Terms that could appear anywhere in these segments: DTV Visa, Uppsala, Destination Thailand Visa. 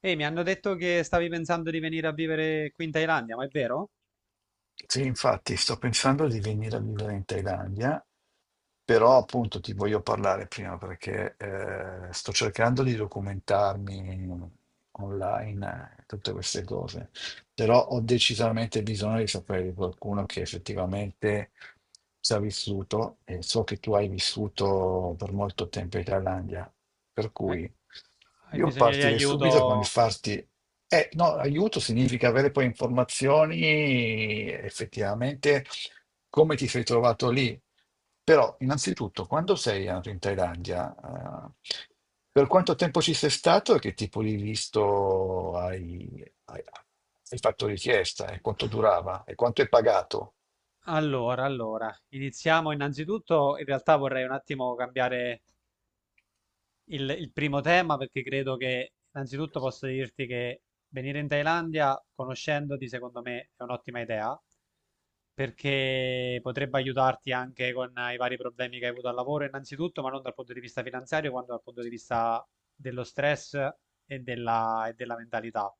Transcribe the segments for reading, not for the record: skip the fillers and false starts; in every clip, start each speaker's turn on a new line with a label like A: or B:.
A: Ehi, mi hanno detto che stavi pensando di venire a vivere qui in Thailandia, ma è vero?
B: Sì, infatti sto pensando di venire a vivere in Thailandia, però appunto ti voglio parlare prima perché sto cercando di documentarmi online, tutte queste cose, però ho decisamente bisogno di sapere di qualcuno che effettivamente ci ha vissuto e so che tu hai vissuto per molto tempo in Thailandia, per
A: Eh,
B: cui
A: Hai
B: io
A: bisogno di
B: partirei
A: aiuto?
B: subito con il farti no, aiuto significa avere poi informazioni effettivamente come ti sei trovato lì. Però, innanzitutto, quando sei andato in Thailandia, per quanto tempo ci sei stato e che tipo di visto hai fatto richiesta e quanto durava e quanto hai pagato?
A: Allora, iniziamo innanzitutto. In realtà vorrei un attimo cambiare il primo tema, perché credo che innanzitutto posso dirti che venire in Thailandia conoscendoti secondo me è un'ottima idea, perché potrebbe aiutarti anche con i vari problemi che hai avuto al lavoro innanzitutto, ma non dal punto di vista finanziario quanto dal punto di vista dello stress e della mentalità,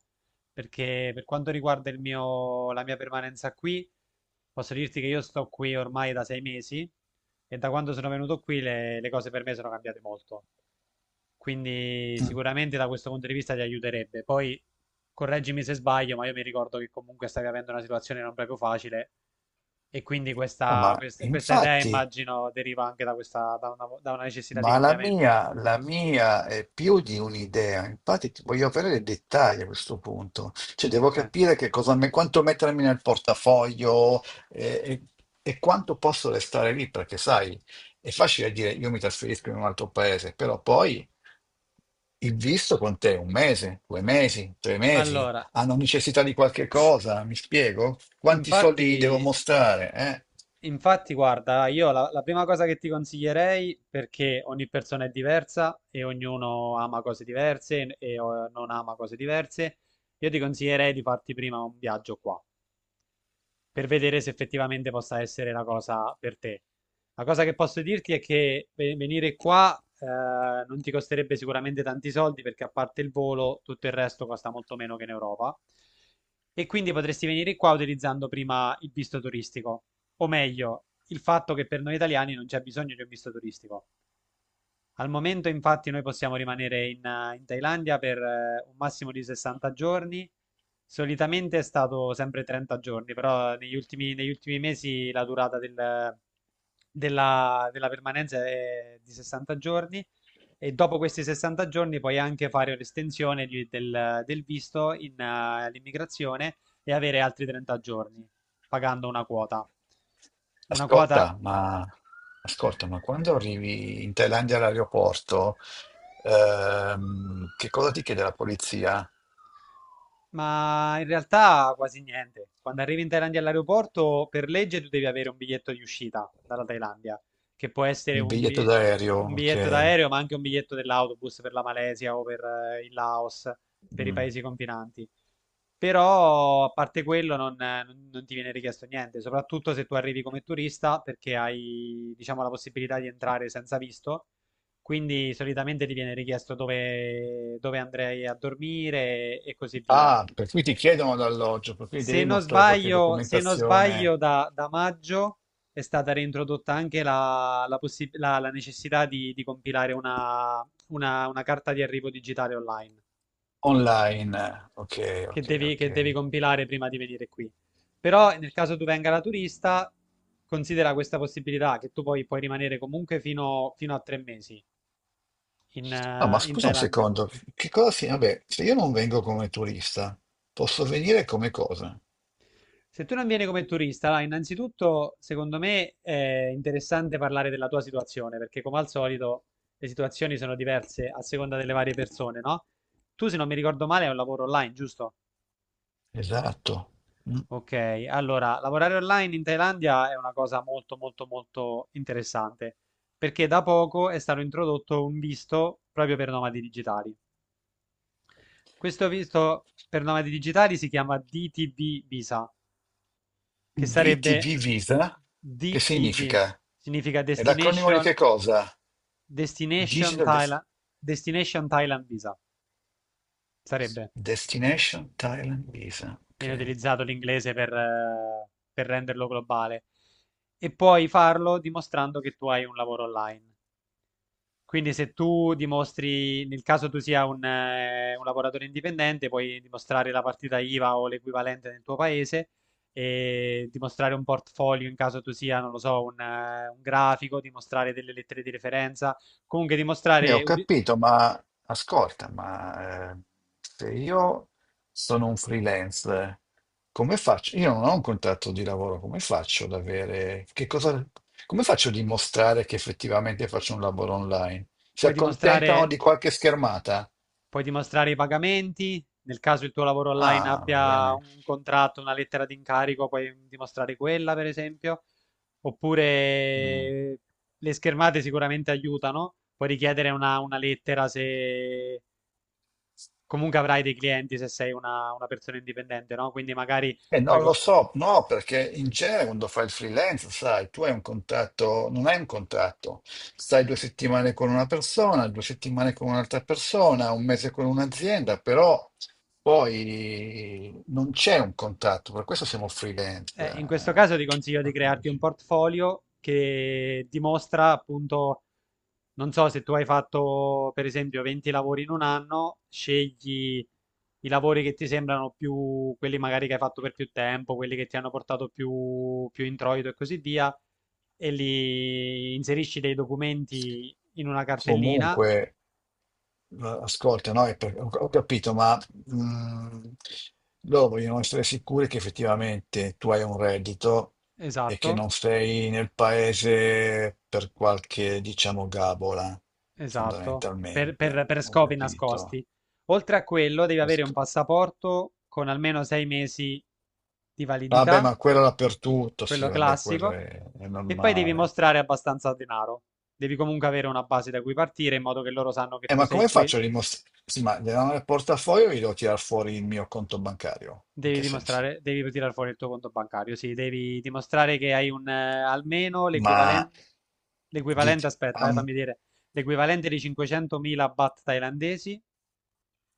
A: perché per quanto riguarda la mia permanenza qui posso dirti che io sto qui ormai da 6 mesi, e da quando sono venuto qui le cose per me sono cambiate molto, quindi
B: Mm.
A: sicuramente da questo punto di vista ti aiuterebbe. Poi correggimi se sbaglio, ma io mi ricordo che comunque stavi avendo una situazione non proprio facile, e quindi
B: Ah, ma
A: questa idea
B: infatti.
A: immagino deriva anche da una necessità di
B: Ma la
A: cambiamento.
B: mia, la mia è più di un'idea, infatti ti voglio avere dei dettagli a questo punto, cioè devo
A: Ok.
B: capire che cosa, quanto mettermi nel portafoglio eh, e, e quanto posso restare lì, perché sai, è facile dire io mi trasferisco in un altro paese, però poi il visto con te un mese, 2 mesi, 3 mesi,
A: Allora,
B: hanno necessità di qualche cosa, mi spiego? Quanti soldi gli devo
A: infatti,
B: mostrare? Eh?
A: infatti guarda, io la prima cosa che ti consiglierei, perché ogni persona è diversa e ognuno ama cose diverse non ama cose diverse, io ti consiglierei di farti prima un viaggio qua per vedere se effettivamente possa essere la cosa per te. La cosa che posso dirti è che venire qua non ti costerebbe sicuramente tanti soldi, perché a parte il volo tutto il resto costa molto meno che in Europa, e quindi potresti venire qua utilizzando prima il visto turistico, o meglio, il fatto che per noi italiani non c'è bisogno di un visto turistico. Al momento, infatti, noi possiamo rimanere in Thailandia per un massimo di 60 giorni. Solitamente è stato sempre 30 giorni, però negli ultimi mesi la durata della permanenza è di 60 giorni, e dopo questi 60 giorni puoi anche fare un'estensione del visto all'immigrazione e avere altri 30 giorni pagando una quota. Una quota.
B: Ascolta, ma, ascolta, ma quando arrivi in Thailandia all'aeroporto, che cosa ti chiede la polizia?
A: Ma in realtà quasi niente. Quando arrivi in Thailandia all'aeroporto, per legge tu devi avere un biglietto di uscita dalla Thailandia, che può essere
B: Il
A: un,
B: biglietto
A: bi- un
B: d'aereo, ok.
A: biglietto d'aereo, ma anche un biglietto dell'autobus per la Malesia o per il Laos, per i
B: Mm.
A: paesi confinanti. Però, a parte quello, non ti viene richiesto niente, soprattutto se tu arrivi come turista, perché hai, diciamo, la possibilità di entrare senza visto. Quindi solitamente ti viene richiesto dove andrei a dormire, e così via.
B: Ah, per cui ti chiedono l'alloggio, per cui
A: Se
B: devi
A: non
B: mostrare qualche
A: sbaglio, se non
B: documentazione
A: sbaglio da maggio è stata reintrodotta anche la necessità di compilare una carta di arrivo digitale online,
B: online. Ok,
A: che
B: ok,
A: devi,
B: ok.
A: che devi compilare prima di venire qui. Però nel caso tu venga da turista, considera questa possibilità che tu poi puoi rimanere comunque fino a 3 mesi in
B: No, ma
A: eh, in
B: scusa un
A: Thailandia.
B: secondo, che cosa si? Vabbè, se io non vengo come turista, posso venire come cosa?
A: Se tu non vieni come turista, là, innanzitutto, secondo me è interessante parlare della tua situazione, perché come al solito le situazioni sono diverse a seconda delle varie persone, no? Tu, se non mi ricordo male, hai un lavoro online, giusto?
B: Esatto. Mm.
A: Ok, allora, lavorare online in Thailandia è una cosa molto, molto, molto interessante, perché da poco è stato introdotto un visto proprio per nomadi digitali. Questo visto per nomadi digitali si chiama DTB Visa, che sarebbe
B: DTV Visa, che
A: DTV,
B: significa?
A: significa
B: È l'acronimo di
A: Destination,
B: che cosa?
A: Destination
B: Digital Des-
A: Thailand, Destination Thailand Visa, sarebbe,
B: Destination Thailand Visa.
A: viene
B: Ok.
A: utilizzato l'inglese per renderlo globale, e puoi farlo dimostrando che tu hai un lavoro online. Quindi se tu dimostri, nel caso tu sia un lavoratore indipendente, puoi dimostrare la partita IVA o l'equivalente nel tuo paese, e dimostrare un portfolio in caso tu sia, non lo so, un grafico, dimostrare delle lettere di referenza, comunque
B: Ne
A: dimostrare,
B: ho capito, ma ascolta, ma se io sono un freelance, come faccio? Io non ho un contratto di lavoro, come faccio ad avere? Che cosa? Come faccio a dimostrare che effettivamente faccio un lavoro online? Si
A: puoi
B: accontentano
A: dimostrare
B: di qualche schermata?
A: puoi dimostrare i pagamenti. Nel caso il tuo lavoro online
B: Ah, va
A: abbia
B: bene.
A: un contratto, una lettera di incarico, puoi dimostrare quella, per esempio.
B: Mm.
A: Oppure le schermate sicuramente aiutano, puoi richiedere una lettera se comunque avrai dei clienti, se sei una persona indipendente, no? Quindi magari puoi
B: Non lo
A: co-
B: so, no, perché in genere quando fai il freelance, sai, tu hai un contratto, non hai un contratto, stai 2 settimane con una persona, 2 settimane con un'altra persona, un mese con un'azienda, però poi non c'è un contratto, per questo siamo freelance,
A: In questo caso ti consiglio di crearti un
B: capisci?
A: portfolio che dimostra appunto, non so se tu hai fatto per esempio 20 lavori in un anno, scegli i lavori che ti sembrano più, quelli magari che hai fatto per più tempo, quelli che ti hanno portato più introito e così via, e li inserisci dei documenti in una cartellina.
B: Comunque, ascolta, no? Ho capito, ma mm, loro vogliono essere sicuri che effettivamente tu hai un reddito e che
A: Esatto.
B: non sei nel paese per qualche, diciamo, gabola,
A: Esatto, per, per-
B: fondamentalmente.
A: per
B: Ho
A: scopi
B: capito.
A: nascosti. Oltre a quello, devi avere un
B: Pesco-
A: passaporto con almeno 6 mesi di
B: Vabbè,
A: validità,
B: ma quello dappertutto, sì,
A: quello
B: vabbè, quello
A: classico,
B: è
A: e poi devi
B: normale.
A: mostrare abbastanza denaro. Devi comunque avere una base da cui partire, in modo che loro sanno che tu
B: Ma
A: sei
B: come
A: qui.
B: faccio a dimostrare? Sì, ma nel portafoglio io devo tirare fuori il mio conto bancario. In
A: Devi
B: che senso?
A: dimostrare, devi tirare fuori il tuo conto bancario, sì, devi dimostrare che hai almeno
B: Ma
A: l'equivalente,
B: di,
A: l'equivalente, aspetta,
B: am-
A: fammi dire, l'equivalente di 500.000 baht thailandesi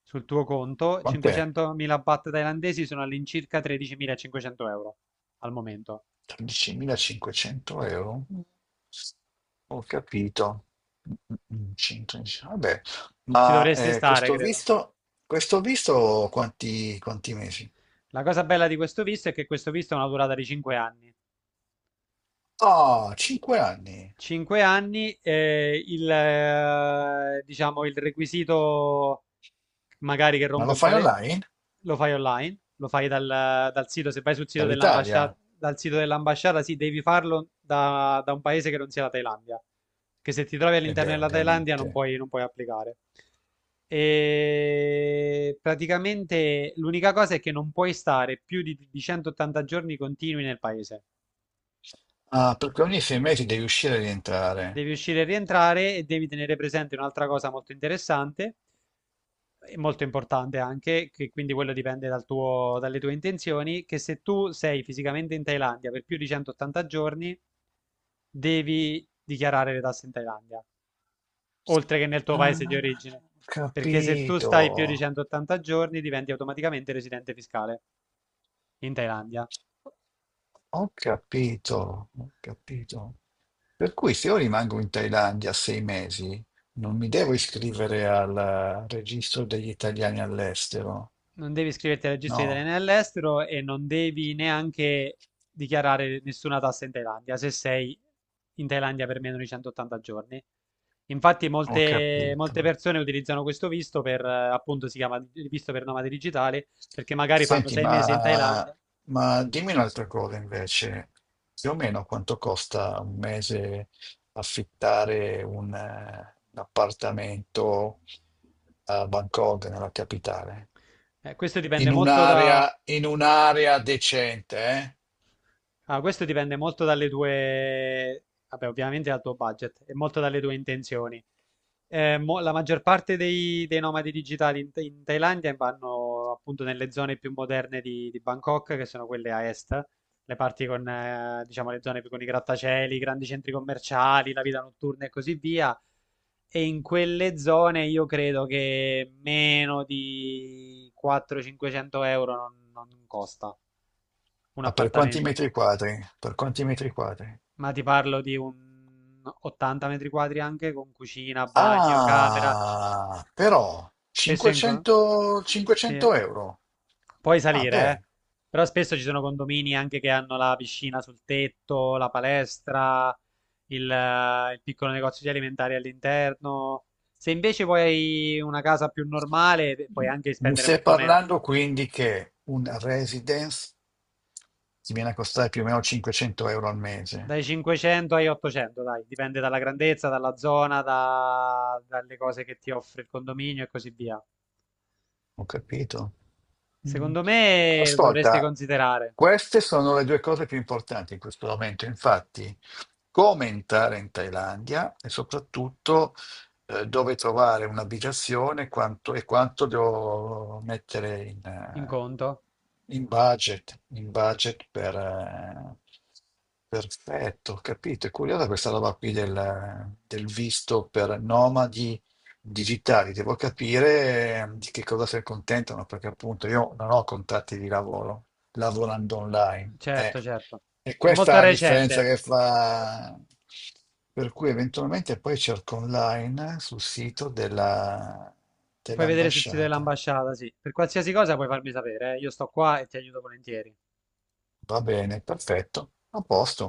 A: sul tuo conto.
B: quant'è?
A: 500.000 baht thailandesi sono all'incirca 13.500 euro al momento.
B: 13.500 euro? Mm. Ho capito. 110. Vabbè,
A: Ci
B: ma
A: dovresti stare,
B: questo
A: credo.
B: visto, questo visto quanti mesi?
A: La cosa bella di questo visto è che questo visto ha una durata di 5 anni.
B: Oh, 5 anni.
A: 5 anni. Diciamo, il requisito magari che
B: Ma
A: rompe
B: lo
A: un po'
B: fai
A: le.
B: online?
A: Lo fai online, lo fai dal sito, se vai sul sito dell'ambasciata,
B: Dall'Italia?
A: dal sito dell'ambasciata, sì, devi farlo da un paese che non sia la Thailandia, che se ti trovi
B: E
A: all'interno
B: beh,
A: della Thailandia
B: ovviamente.
A: non puoi applicare. E praticamente l'unica cosa è che non puoi stare più di 180 giorni continui nel paese.
B: Ah, perché ogni 6 mesi devi uscire e rientrare.
A: Devi uscire e rientrare, e devi tenere presente un'altra cosa molto interessante e molto importante anche, che quindi quello dipende dalle tue intenzioni, che se tu sei fisicamente in Thailandia per più di 180 giorni, devi dichiarare le tasse in Thailandia, oltre che nel tuo
B: Ah,
A: paese di origine,
B: ho
A: perché se tu stai più di
B: capito.
A: 180 giorni diventi automaticamente residente fiscale in Thailandia.
B: Ho capito, ho capito. Per cui se io rimango in Thailandia 6 mesi, non mi devo iscrivere al registro degli italiani all'estero.
A: Non devi iscriverti al registro di
B: No,
A: italiani all'estero, e non devi neanche dichiarare nessuna tassa in Thailandia se sei in Thailandia per meno di 180 giorni. Infatti
B: ho
A: molte,
B: capito.
A: molte persone utilizzano questo visto appunto, si chiama visto per nomadi digitali, perché magari fanno
B: Senti,
A: 6 mesi in
B: ma,
A: Thailandia.
B: ma dimmi un'altra cosa invece. Più o meno quanto costa un mese affittare un appartamento a Bangkok, nella capitale?
A: Questo dipende
B: In
A: molto da.
B: un'area, in un'area decente, eh?
A: Ah, questo dipende molto dalle tue, vabbè, ovviamente dal tuo budget e molto dalle tue intenzioni. La maggior parte dei nomadi digitali in Thailandia vanno appunto nelle zone più moderne di Bangkok, che sono quelle a est, le parti con, diciamo, le zone più con i grattacieli, i grandi centri commerciali, la vita notturna e così via. E in quelle zone io credo che meno di 400-500 euro non costa un
B: Ma per quanti
A: appartamento.
B: metri quadri? Per quanti metri quadri?
A: Ma ti parlo di un 80 metri quadri anche con cucina, bagno, camera.
B: Ah, però
A: Spesso in... co-
B: 500,
A: Sì,
B: 500 euro.
A: puoi
B: Ah,
A: salire,
B: beh,
A: eh. Però spesso ci sono condomini anche che hanno la piscina sul tetto, la palestra, il piccolo negozio di alimentari all'interno. Se invece vuoi una casa più normale, beh, puoi anche
B: mi
A: spendere
B: stai
A: molto meno.
B: parlando quindi che un residence ti viene a costare più o meno 500 euro al mese.
A: Dai 500 ai 800, dai, dipende dalla grandezza, dalla zona, dalle cose che ti offre il condominio e così via.
B: Ho capito. Mm.
A: Secondo me lo dovresti
B: Ascolta,
A: considerare
B: queste sono le due cose più importanti in questo momento, infatti, come entrare in Thailandia e soprattutto dove trovare un'abitazione quanto- e quanto devo mettere in,
A: in
B: eh,
A: conto.
B: in budget per. Perfetto, ho capito. È curiosa questa roba qui del visto per nomadi digitali, devo capire di che cosa si accontentano, perché appunto io non ho contratti di lavoro, lavorando online.
A: Certo, certo.
B: E
A: È
B: questa è
A: molto
B: la differenza
A: recente.
B: che fa. Per cui eventualmente poi cerco online sul sito
A: Puoi vedere sul sito
B: dell'ambasciata.
A: dell'ambasciata, sì. Per qualsiasi cosa puoi farmi sapere, eh. Io sto qua e ti aiuto volentieri.
B: Va bene, perfetto, a posto.